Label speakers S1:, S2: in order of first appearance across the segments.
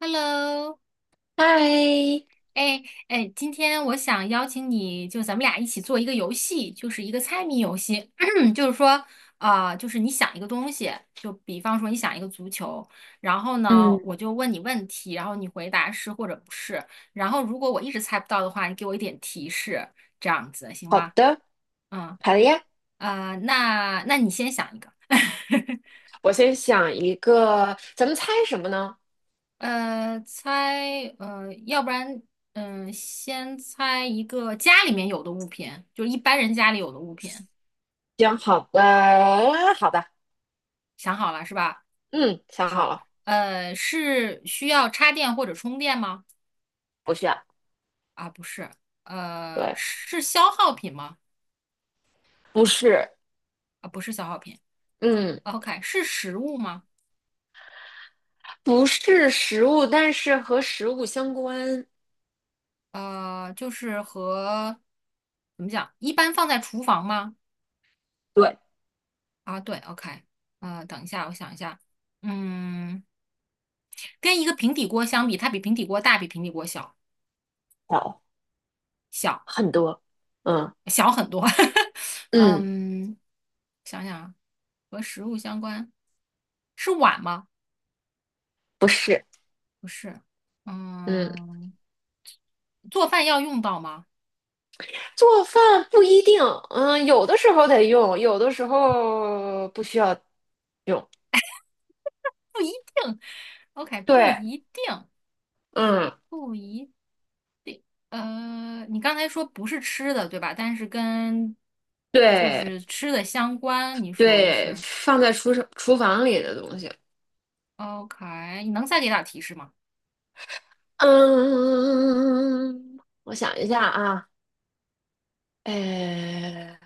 S1: Hello，
S2: 嗨，
S1: 哎哎，今天我想邀请你，就咱们俩一起做一个游戏，就是一个猜谜游戏。就是说，啊、就是你想一个东西，就比方说你想一个足球，然后呢，
S2: 嗯，
S1: 我就问你问题，然后你回答是或者不是。然后如果我一直猜不到的话，你给我一点提示，这样子行
S2: 好
S1: 吗？
S2: 的，
S1: 嗯，
S2: 好的呀。
S1: 啊、那你先想一个。
S2: 我先想一个，咱们猜什么呢？
S1: 要不然，嗯、先猜一个家里面有的物品，就是一般人家里有的物品，
S2: 行，好的，好的，
S1: 想好了是吧？
S2: 嗯，想好
S1: 好，
S2: 了，
S1: 是需要插电或者充电吗？
S2: 不需要。
S1: 啊，不是，
S2: 对，
S1: 是消耗品吗？
S2: 不是，
S1: 啊，不是消耗品。
S2: 嗯，
S1: OK，是食物吗？
S2: 不是食物，但是和食物相关。
S1: 就是和怎么讲，一般放在厨房吗？
S2: 对，
S1: 啊，对，OK，等一下，我想一下，嗯，跟一个平底锅相比，它比平底锅大，比平底锅小。
S2: 好，很多，嗯
S1: 小很多。
S2: 嗯，
S1: 嗯，想想啊，和食物相关，是碗吗？
S2: 不是，
S1: 不是。
S2: 嗯，
S1: 嗯，做饭要用到吗？
S2: 做饭不一定，嗯，有的时候得用，有的时候不需要用。
S1: 定，OK，不
S2: 对，
S1: 一定，
S2: 嗯，
S1: 不一。你刚才说不是吃的，对吧？但是跟就
S2: 对，
S1: 是吃的相关，你说
S2: 对，
S1: 是
S2: 放在厨房里的东西。
S1: OK？你能再给点提示吗？
S2: 嗯，我想一下啊，哎，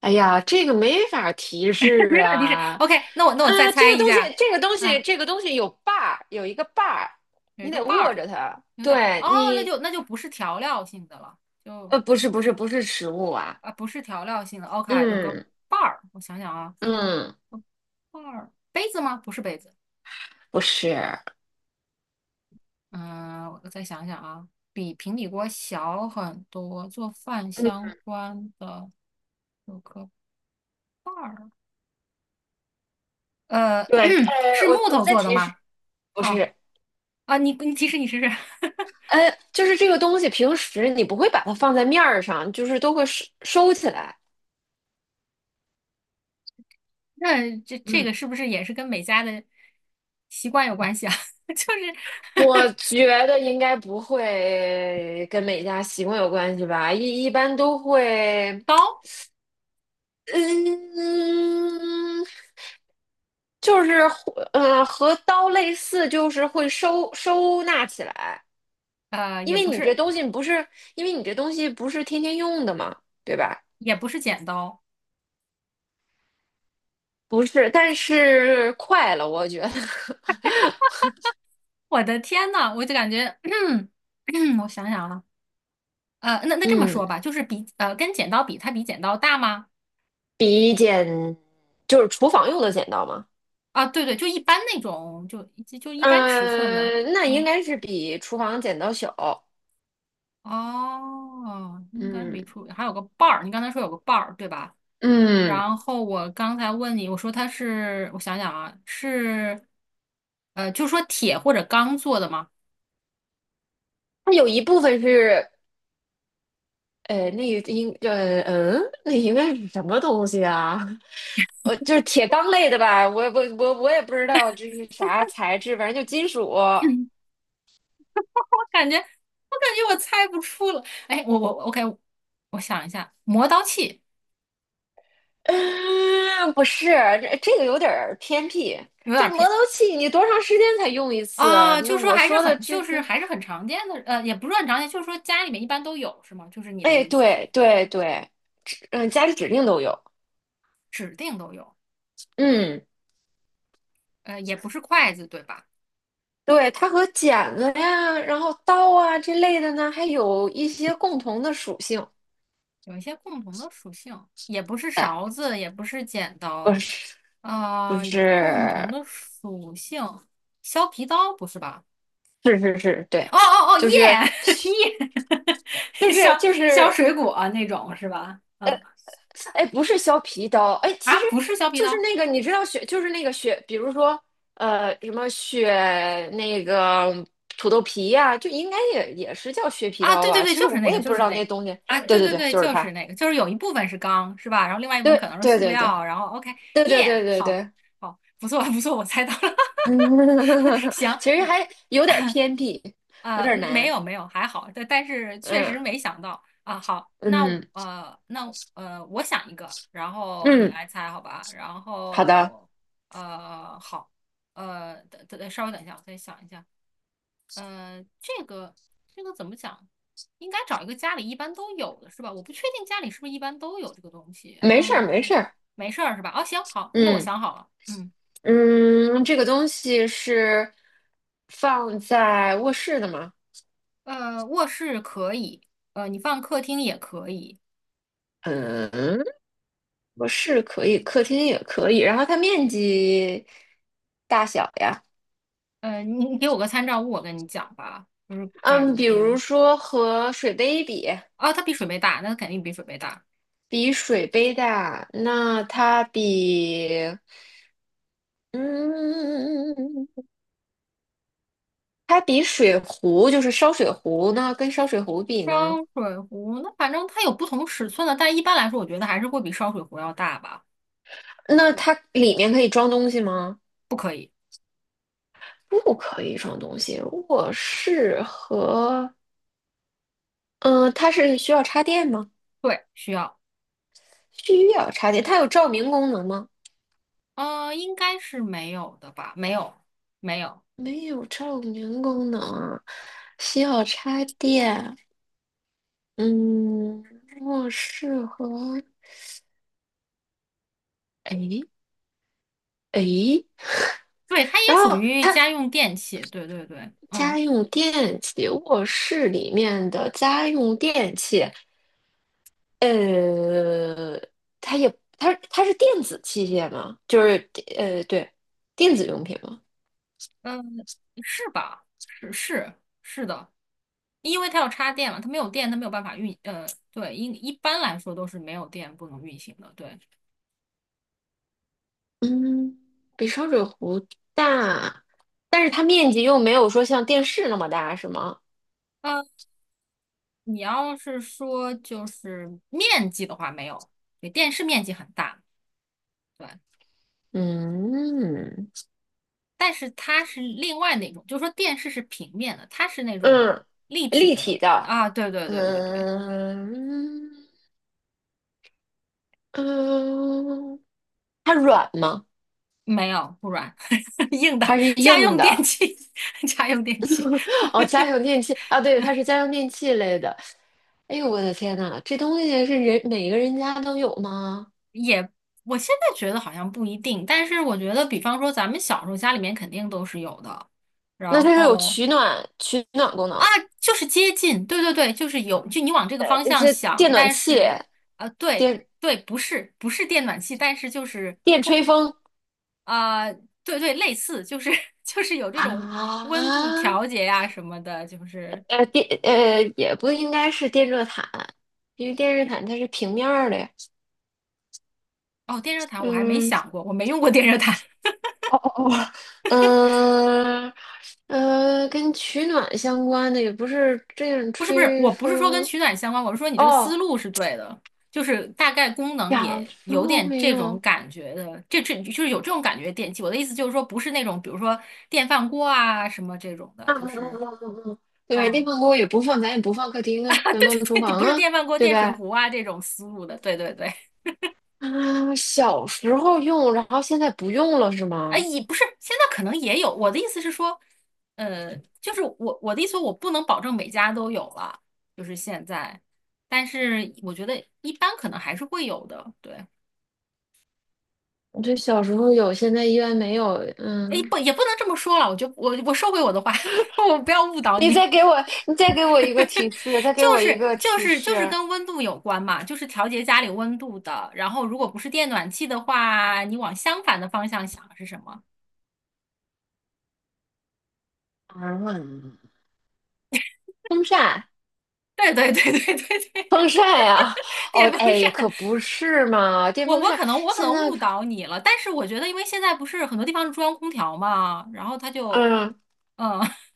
S2: 哎呀，这个没法提 示
S1: 没点提示。
S2: 啊。
S1: OK，那我再
S2: 啊，这
S1: 猜
S2: 个
S1: 一
S2: 东西，
S1: 下。
S2: 这个东西，
S1: 嗯。
S2: 这个东西有一个把儿，
S1: 有一
S2: 你
S1: 个
S2: 得
S1: 瓣
S2: 握
S1: 儿，
S2: 着它。
S1: 有点儿
S2: 对
S1: 哦，那
S2: 你。
S1: 就不是调料性的了，就
S2: 不是，不是，不是食物啊。
S1: 啊不是调料性的，OK，有个
S2: 嗯
S1: 瓣儿，我想想啊，
S2: 嗯，
S1: 瓣儿杯子吗？不是杯子，
S2: 不是，
S1: 嗯、我再想想啊，比平底锅小很多，做饭
S2: 嗯，
S1: 相关的有个瓣儿，呃，
S2: 对，
S1: 是
S2: 我
S1: 木
S2: 我
S1: 头
S2: 再
S1: 做的
S2: 提示。
S1: 吗？
S2: 不
S1: 啊
S2: 是，
S1: 啊，你提示你试试，
S2: 哎，就是这个东西，平时你不会把它放在面儿上，就是都会收起来。
S1: 那这个
S2: 嗯，
S1: 是不是也是跟每家的习惯有关系啊？就是
S2: 我觉得应该不会跟每家习惯有关系吧，一般都 会。
S1: 刀，
S2: 嗯，就是和刀类似，就是会收纳起来，因
S1: 也
S2: 为
S1: 不
S2: 你这
S1: 是。
S2: 东西不是，因为你这东西不是天天用的嘛，对吧？
S1: 也不是剪刀。
S2: 不是，但是快了，我觉得。
S1: 我的天呐，我就感觉，我想想啊，那 这么
S2: 嗯。
S1: 说吧，就是跟剪刀比，它比剪刀大吗？
S2: 比剪就是厨房用的剪刀吗？
S1: 啊，对对，就一般那种，就一般尺寸的，
S2: 嗯，那应
S1: 嗯，
S2: 该是比厨房剪刀小。
S1: 哦，应该
S2: 嗯
S1: 比出还有个把儿，你刚才说有个把儿，对吧？
S2: 嗯，
S1: 然后我刚才问你，我说它是，我想想啊，是，就说铁或者钢做的吗？
S2: 它有一部分是，呃，那个应呃嗯，那应该是什么东西啊？就是铁钢类的吧？我也不知道这是啥材质，反正就金属。
S1: 感觉我猜不出了。哎，我 OK，我想一下，磨刀器
S2: 嗯，不是，这个有点儿偏僻。
S1: 有
S2: 这
S1: 点
S2: 磨
S1: 偏
S2: 刀器你多长时间才用一次？
S1: 啊，
S2: 那我说的这
S1: 就是
S2: 个。
S1: 还是很常见的，也不是很常见，就是说家里面一般都有是吗？就是你的
S2: 哎，
S1: 意思是
S2: 对对对，家里指定都有。
S1: 指定都有，
S2: 嗯，
S1: 也不是筷子对吧？
S2: 对，它和剪子呀，然后刀啊这类的呢，还有一些共同的属性。
S1: 有一些共同的属性，也不是
S2: 哎，
S1: 勺子，也不是剪
S2: 不
S1: 刀，
S2: 是不
S1: 啊、有共同
S2: 是，
S1: 的属性，削皮刀不是吧？
S2: 是是是，
S1: 哦
S2: 对，
S1: 哦哦，
S2: 就是
S1: 耶 耶，
S2: 就
S1: 削
S2: 是就
S1: 削
S2: 是。
S1: 水果啊那种是吧？
S2: 呃，
S1: 嗯。
S2: 哎，不是削皮刀。哎，其
S1: 啊，
S2: 实
S1: 不是削皮
S2: 就是
S1: 刀
S2: 那个，你知道雪，就是那个雪，比如说，什么雪那个土豆皮呀，就应该也是叫削皮
S1: 啊，
S2: 刀
S1: 对对
S2: 吧？
S1: 对，
S2: 其实
S1: 就是
S2: 我
S1: 那个，
S2: 也不
S1: 就
S2: 知
S1: 是
S2: 道
S1: 那
S2: 那
S1: 个
S2: 东西。
S1: 啊，
S2: 对
S1: 对
S2: 对
S1: 对
S2: 对，
S1: 对，
S2: 就是
S1: 就是
S2: 它。
S1: 那个，就是有一部分是钢，是吧？然后另外一部分
S2: 对
S1: 可能是
S2: 对
S1: 塑
S2: 对对
S1: 料，然后 OK，
S2: 对对
S1: 耶、
S2: 对对
S1: 好，
S2: 对。
S1: 好，不错不错，我猜到了，
S2: 嗯，
S1: 行，
S2: 其实还有点儿偏僻，有点儿
S1: 没
S2: 难。
S1: 有没有，还好，但是确实
S2: 嗯
S1: 没想到啊。好，那
S2: 嗯
S1: 我想一个，然后你
S2: 嗯，
S1: 来猜，好吧？然
S2: 好的，
S1: 后好，等等，稍微等一下，我再想一下。呃，这个这个怎么讲？应该找一个家里一般都有的是吧？我不确定家里是不是一般都有这个东西。
S2: 没事儿没
S1: 嗯，
S2: 事儿。
S1: 没事儿是吧？哦，行，好，那我
S2: 嗯
S1: 想好了。嗯，
S2: 嗯，这个东西是放在卧室的吗？
S1: 卧室可以，你放客厅也可以。
S2: 嗯，我是可以，客厅也可以，然后它面积大小呀。
S1: 你给我个参照物，我跟你讲吧，就是
S2: 嗯，
S1: 感
S2: 比如
S1: 觉
S2: 说和水杯比，
S1: 啊，它比水杯大，那肯定比水杯大。
S2: 比水杯大，那它比，嗯，它比水壶，就是烧水壶，那跟烧水壶比
S1: 烧
S2: 呢？
S1: 水壶，那反正它有不同尺寸的，但一般来说，我觉得还是会比烧水壶要大吧。
S2: 那它里面可以装东西吗？不可以装东西。我是和，嗯，它是需要插电吗？
S1: 对，需要，
S2: 需要插电，它有照明功能吗？
S1: 应该是没有的吧？没有，没有。
S2: 没有照明功能啊。需要插电。嗯，卧室和诶诶，
S1: 对，它也
S2: 然
S1: 属
S2: 后
S1: 于
S2: 它
S1: 家用电器。对对对，嗯
S2: 家用电器，卧室里面的家用电器。呃，它也它是电子器械吗？就是对，电子用品吗？
S1: 嗯，是吧？是是的，因为它要插电嘛，它没有电，它没有办法运。对，一般来说都是没有电不能运行的。对。
S2: 嗯，比烧水壶大，但是它面积又没有说像电视那么大，是吗？
S1: 嗯。你要是说就是面积的话，没有，对，电视面积很大，对，
S2: 嗯，
S1: 但是它是另外那种，就是说电视是平面的，它是那种
S2: 嗯，
S1: 立体
S2: 立
S1: 的
S2: 体的。
S1: 啊，对对对对对，
S2: 嗯嗯，它软吗？
S1: 没有，不软，硬的，
S2: 它是
S1: 家
S2: 硬
S1: 用电
S2: 的？
S1: 器，家用电器
S2: 哦，家用电器啊。对，它是家用电器类的。哎呦，我的天呐，这东西是每个人家都有吗？
S1: 也，我现在觉得好像不一定，但是我觉得，比方说咱们小时候家里面肯定都是有的，
S2: 那
S1: 然
S2: 它是有
S1: 后。
S2: 取暖功能。
S1: 就是接近，对对对，就是有，就你往这个方向
S2: 这
S1: 想，
S2: 电暖
S1: 但
S2: 气，
S1: 是，对
S2: 电
S1: 对，不是不是电暖气，但是就是
S2: 电吹风
S1: 啊对对，类似，就是 就是有这种温度
S2: 啊。
S1: 调节呀、什么的，就是
S2: 呃电呃也不应该是电热毯，因为电热毯它是平面儿的呀。
S1: 哦，电热毯我还没想
S2: 嗯
S1: 过，我没用过电热毯，
S2: 哦哦哦。嗯跟取暖相关的也不是这样
S1: 不是不是，
S2: 吹
S1: 我不是说跟
S2: 风。
S1: 取暖相关，我是说你这个思
S2: 哦，
S1: 路是对的，就是大概功能
S2: 小
S1: 也
S2: 时
S1: 有
S2: 候
S1: 点
S2: 会
S1: 这种
S2: 用？
S1: 感觉的，这就是有这种感觉的电器，我的意思就是说不是那种比如说电饭锅啊什么这种的，
S2: 啊嗯
S1: 就
S2: 嗯
S1: 是。
S2: 嗯嗯嗯，嗯对吧电
S1: 嗯，
S2: 饭锅也不放，咱也不放客厅啊，咱放厨
S1: 你
S2: 房
S1: 不是
S2: 啊，
S1: 电饭锅、
S2: 对
S1: 电水
S2: 吧？
S1: 壶啊这种思路的，对对对，
S2: 啊，小时候用，然后现在不用了是
S1: 哎，
S2: 吗？
S1: 也不是，现在可能也有。我的意思是说，就是我的意思，我不能保证每家都有了，就是现在，但是我觉得一般可能还是会有的。对，
S2: 我这小时候有，现在依然没有。
S1: 哎，
S2: 嗯，
S1: 不也不能这么说了，我收回我的话，我不要误导
S2: 你
S1: 你，
S2: 再给我，你再给我一个提 示，再给我一个提
S1: 就是
S2: 示。
S1: 跟温度有关嘛，就是调节家里温度的。然后如果不是电暖气的话，你往相反的方向想是什么？
S2: 啊，风扇。
S1: 对对对对对对，
S2: 风扇呀，哦，
S1: 电风
S2: 哎，
S1: 扇，
S2: 可不是嘛。电风扇
S1: 我可
S2: 现
S1: 能
S2: 在
S1: 误
S2: 可
S1: 导你了，但是我觉得，因为现在不是很多地方是中央空调嘛，然后它就，
S2: 嗯，
S1: 嗯，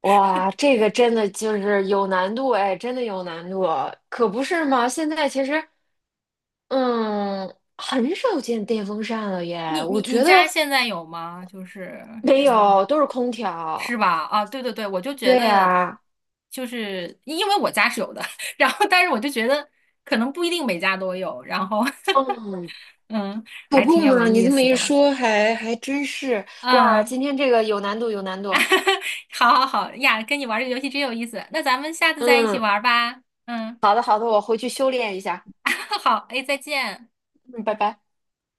S2: 哇，这个真的就是有难度，哎，真的有难度，可不是嘛，现在其实，嗯，很少见电风扇了耶，我
S1: 你
S2: 觉
S1: 家
S2: 得
S1: 现在有吗？就是
S2: 没
S1: 电风扇
S2: 有，都是空调。
S1: 是吧？啊，对对对，我就
S2: 对
S1: 觉得，
S2: 呀，
S1: 就是因为我家是有的，然后但是我就觉得可能不一定每家都有，然后
S2: 嗯，
S1: 嗯，
S2: 可
S1: 还
S2: 不
S1: 挺有
S2: 嘛，你
S1: 意
S2: 这么
S1: 思
S2: 一
S1: 的吧，
S2: 说还真是。哇，
S1: 嗯，
S2: 今天这个有难度，有难度。
S1: 好好好呀，跟你玩这个游戏真有意思，那咱们下次再一起
S2: 嗯，
S1: 玩吧，嗯。
S2: 好的好的，我回去修炼一下。
S1: 好，哎，再见。
S2: 嗯，拜拜。